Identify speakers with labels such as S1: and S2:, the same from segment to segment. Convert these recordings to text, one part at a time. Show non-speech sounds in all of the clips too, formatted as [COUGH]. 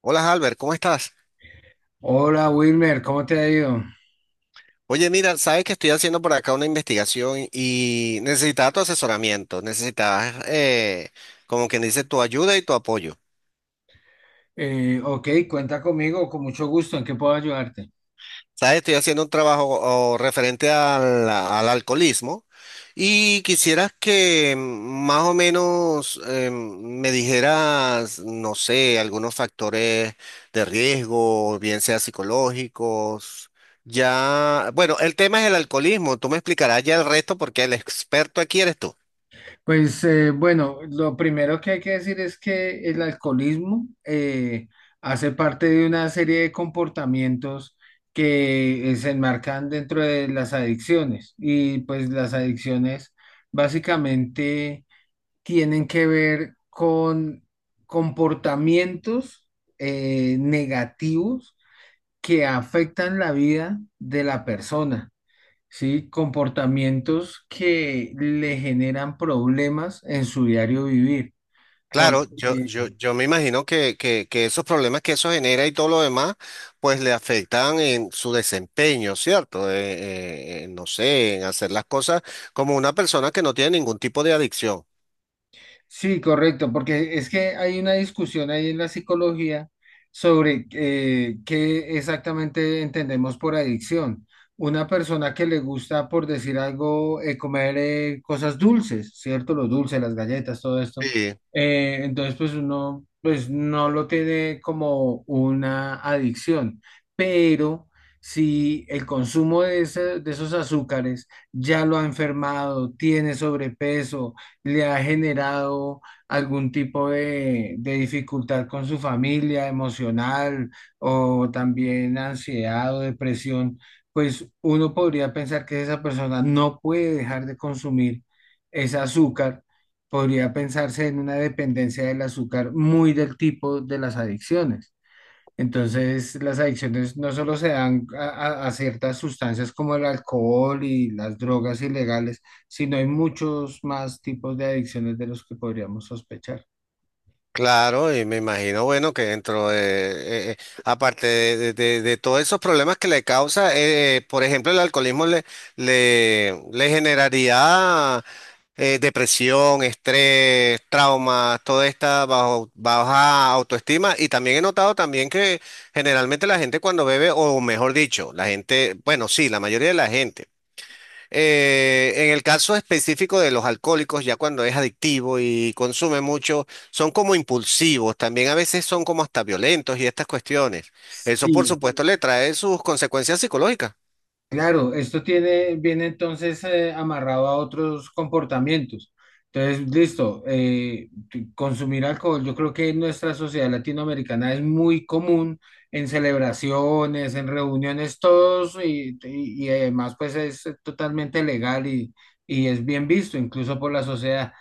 S1: Hola Albert, ¿cómo estás?
S2: Hola Wilmer, ¿cómo te ha ido?
S1: Oye, mira, sabes que estoy haciendo por acá una investigación y necesitaba tu asesoramiento, necesitaba, como quien dice, tu ayuda y tu apoyo.
S2: Ok, cuenta conmigo, con mucho gusto, ¿en qué puedo ayudarte?
S1: ¿Sabes? Estoy haciendo un trabajo o, referente al alcoholismo y quisieras que más o menos me dijeras, no sé, algunos factores de riesgo, bien sea psicológicos. Ya, bueno, el tema es el alcoholismo. Tú me explicarás ya el resto porque el experto aquí eres tú.
S2: Pues bueno, lo primero que hay que decir es que el alcoholismo hace parte de una serie de comportamientos que se enmarcan dentro de las adicciones, y pues las adicciones básicamente tienen que ver con comportamientos negativos que afectan la vida de la persona, ¿sí? Comportamientos que le generan problemas en su diario vivir,
S1: Claro, yo,
S2: porque
S1: yo, yo me imagino que esos problemas que eso genera y todo lo demás, pues le afectan en su desempeño, ¿cierto? No sé, en hacer las cosas como una persona que no tiene ningún tipo de adicción.
S2: Sí, correcto, porque es que hay una discusión ahí en la psicología sobre qué exactamente entendemos por adicción. Una persona que le gusta, por decir algo, comer cosas dulces, ¿cierto? Los dulces, las galletas, todo esto.
S1: Sí.
S2: Entonces, pues uno, pues no lo tiene como una adicción, pero si el consumo de, de esos azúcares ya lo ha enfermado, tiene sobrepeso, le ha generado algún tipo de dificultad con su familia, emocional, o también ansiedad o depresión, pues uno podría pensar que esa persona no puede dejar de consumir ese azúcar. Podría pensarse en una dependencia del azúcar muy del tipo de las adicciones. Entonces, las adicciones no solo se dan a, a ciertas sustancias como el alcohol y las drogas ilegales, sino hay muchos más tipos de adicciones de los que podríamos sospechar.
S1: Claro, y me imagino, bueno, que dentro de, aparte de, de todos esos problemas que le causa, por ejemplo, el alcoholismo le generaría depresión, estrés, traumas, toda esta baja autoestima. Y también he notado también que generalmente la gente cuando bebe, o mejor dicho, la gente, bueno, sí, la mayoría de la gente. En el caso específico de los alcohólicos, ya cuando es adictivo y consume mucho, son como impulsivos, también a veces son como hasta violentos y estas cuestiones. Eso, por
S2: Sí,
S1: supuesto, le trae sus consecuencias psicológicas.
S2: claro, esto tiene, viene entonces amarrado a otros comportamientos. Entonces, listo, consumir alcohol, yo creo que en nuestra sociedad latinoamericana es muy común en celebraciones, en reuniones, todos, y además pues es totalmente legal y es bien visto, incluso por la sociedad.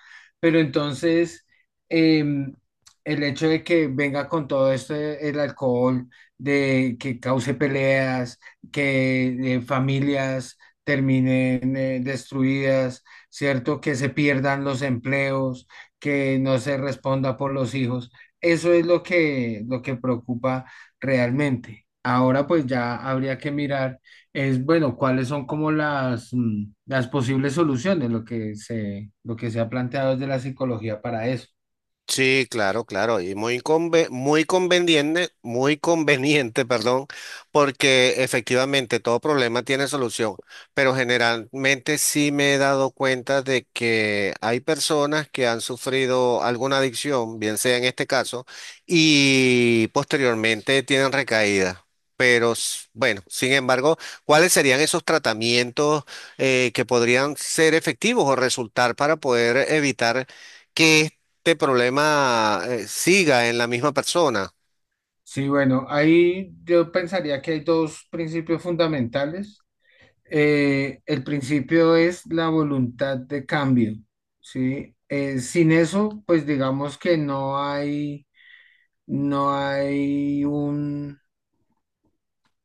S2: Pero entonces, em, el hecho de que venga con todo esto el alcohol, de que cause peleas, que familias terminen destruidas, ¿cierto? Que se pierdan los empleos, que no se responda por los hijos. Eso es lo que preocupa realmente. Ahora pues ya habría que mirar, es bueno, cuáles son como las, las posibles soluciones, lo que se ha planteado desde la psicología para eso.
S1: Sí, claro, claro, y muy muy conveniente, [LAUGHS] perdón, porque efectivamente todo problema tiene solución, pero generalmente sí me he dado cuenta de que hay personas que han sufrido alguna adicción, bien sea en este caso, y posteriormente tienen recaída. Pero bueno, sin embargo, ¿cuáles serían esos tratamientos que podrían ser efectivos o resultar para poder evitar que este problema siga en la misma persona?
S2: Sí, bueno, ahí yo pensaría que hay dos principios fundamentales. El principio es la voluntad de cambio, ¿sí? Sin eso, pues digamos que no hay, no hay un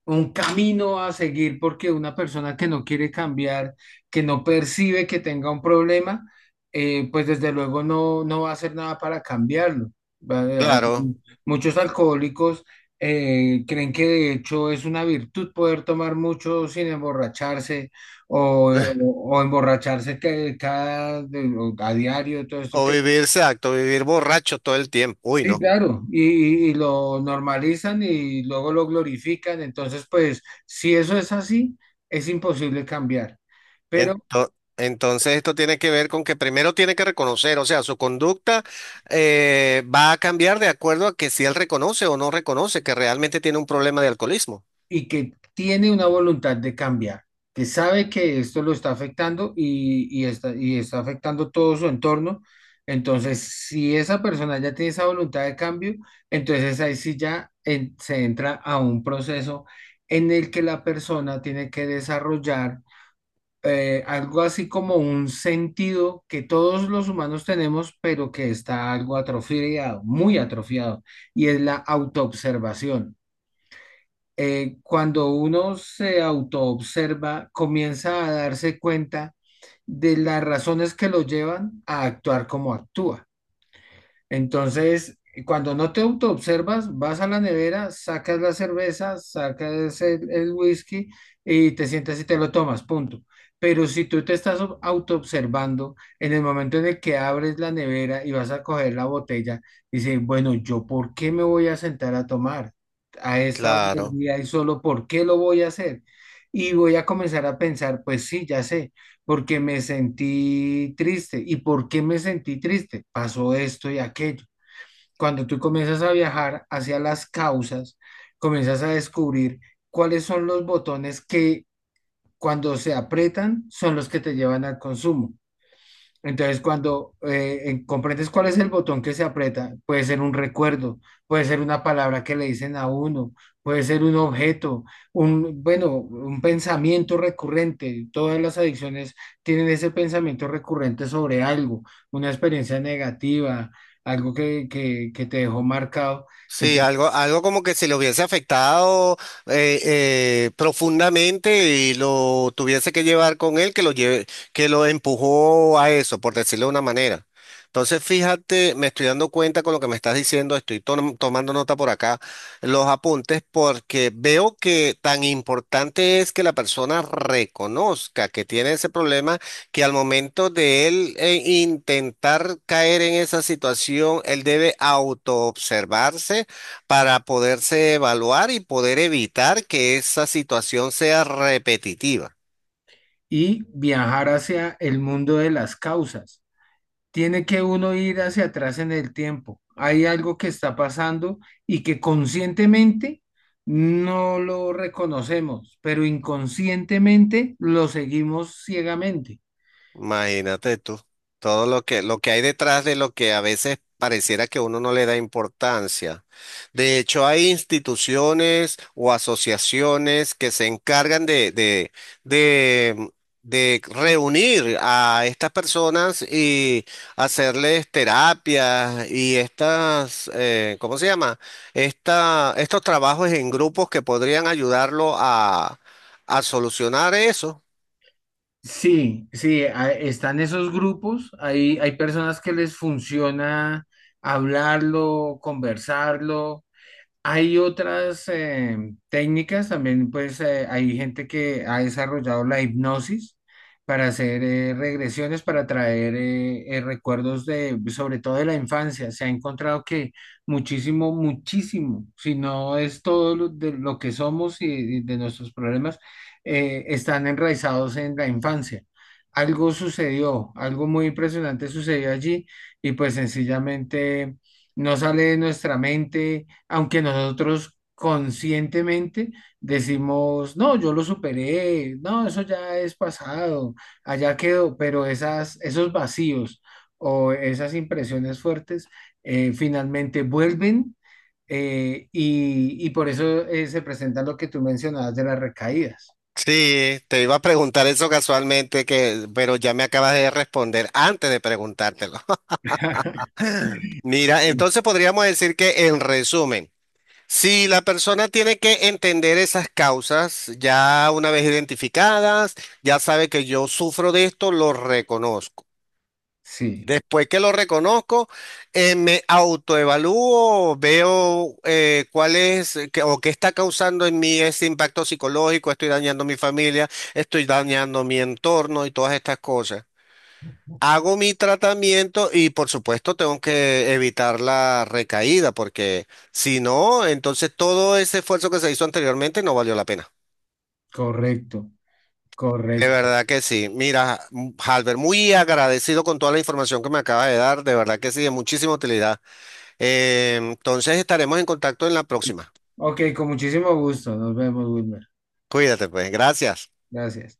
S2: camino a seguir, porque una persona que no quiere cambiar, que no percibe que tenga un problema, pues desde luego no, no va a hacer nada para cambiarlo. Va- a-
S1: Claro.
S2: Muchos alcohólicos creen que de hecho es una virtud poder tomar mucho sin emborracharse, o,
S1: [LAUGHS]
S2: o emborracharse que cada, a diario, todo esto.
S1: O vivir, exacto, vivir borracho todo el tiempo. Uy,
S2: Sí,
S1: no.
S2: claro, y lo normalizan y luego lo glorifican. Entonces, pues, si eso es así, es imposible cambiar. Pero,
S1: Entonces esto tiene que ver con que primero tiene que reconocer, o sea, su conducta va a cambiar de acuerdo a que si él reconoce o no reconoce que realmente tiene un problema de alcoholismo.
S2: y que tiene una voluntad de cambiar, que sabe que esto lo está afectando, y está afectando todo su entorno. Entonces, si esa persona ya tiene esa voluntad de cambio, entonces ahí sí ya se entra a un proceso en el que la persona tiene que desarrollar algo así como un sentido que todos los humanos tenemos, pero que está algo atrofiado, muy atrofiado, y es la autoobservación. Cuando uno se autoobserva, comienza a darse cuenta de las razones que lo llevan a actuar como actúa. Entonces, cuando no te autoobservas, vas a la nevera, sacas la cerveza, sacas el whisky, y te sientas y te lo tomas, punto. Pero si tú te estás autoobservando, en el momento en el que abres la nevera y vas a coger la botella, dices, bueno, ¿yo por qué me voy a sentar a tomar a esta hora del
S1: Claro.
S2: día y solo, por qué lo voy a hacer? Y voy a comenzar a pensar, pues sí, ya sé, porque me sentí triste. ¿Y por qué me sentí triste? Pasó esto y aquello. Cuando tú comienzas a viajar hacia las causas, comienzas a descubrir cuáles son los botones que cuando se aprietan son los que te llevan al consumo. Entonces, cuando comprendes cuál es el botón que se aprieta, puede ser un recuerdo, puede ser una palabra que le dicen a uno, puede ser un objeto, un, bueno, un pensamiento recurrente. Todas las adicciones tienen ese pensamiento recurrente sobre algo, una experiencia negativa, algo que te dejó marcado.
S1: Sí,
S2: Ento-
S1: algo, algo como que si lo hubiese afectado profundamente y lo tuviese que llevar con él, que lo lleve, que lo empujó a eso, por decirlo de una manera. Entonces, fíjate, me estoy dando cuenta con lo que me estás diciendo, estoy tomando nota por acá, los apuntes, porque veo que tan importante es que la persona reconozca que tiene ese problema, que al momento de él intentar caer en esa situación, él debe autoobservarse para poderse evaluar y poder evitar que esa situación sea repetitiva.
S2: y viajar hacia el mundo de las causas. Tiene que uno ir hacia atrás en el tiempo. Hay algo que está pasando y que conscientemente no lo reconocemos, pero inconscientemente lo seguimos ciegamente.
S1: Imagínate tú, todo lo que hay detrás de lo que a veces pareciera que uno no le da importancia. De hecho, hay instituciones o asociaciones que se encargan de, de reunir a estas personas y hacerles terapias y estas, ¿cómo se llama? Esta, estos trabajos en grupos que podrían ayudarlo a solucionar eso.
S2: Sí, sí, están esos grupos, hay personas que les funciona hablarlo, conversarlo. Hay otras técnicas también, pues hay gente que ha desarrollado la hipnosis para hacer regresiones, para traer recuerdos de, sobre todo de la infancia. Se ha encontrado que muchísimo, muchísimo, si no es todo lo, de lo que somos y de nuestros problemas, están enraizados en la infancia. Algo sucedió, algo muy impresionante sucedió allí, y pues sencillamente no sale de nuestra mente, aunque nosotros conscientemente decimos, no, yo lo superé, no, eso ya es pasado, allá quedó, pero esas, esos vacíos o esas impresiones fuertes finalmente vuelven, y por eso se presenta lo que tú mencionabas de las recaídas.
S1: Sí, te iba a preguntar eso casualmente, que, pero ya me acabas de responder antes de preguntártelo.
S2: [LAUGHS]
S1: [LAUGHS] Mira, entonces podríamos decir que en resumen, si la persona tiene que entender esas causas ya una vez identificadas, ya sabe que yo sufro de esto, lo reconozco.
S2: Sí,
S1: Después que lo reconozco, me autoevalúo, veo cuál es qué- o qué está causando en mí ese impacto psicológico, estoy dañando mi familia, estoy dañando mi entorno y todas estas cosas. Hago mi tratamiento y por supuesto tengo que evitar la recaída porque si no, entonces todo ese esfuerzo que se hizo anteriormente no valió la pena.
S2: correcto,
S1: De
S2: correcto.
S1: verdad que sí. Mira, Halber, muy agradecido con toda la información que me acaba de dar. De verdad que sí, de muchísima utilidad. Entonces estaremos en contacto en la próxima.
S2: Ok, con muchísimo gusto, nos vemos, Wilmer.
S1: Cuídate, pues. Gracias.
S2: Gracias.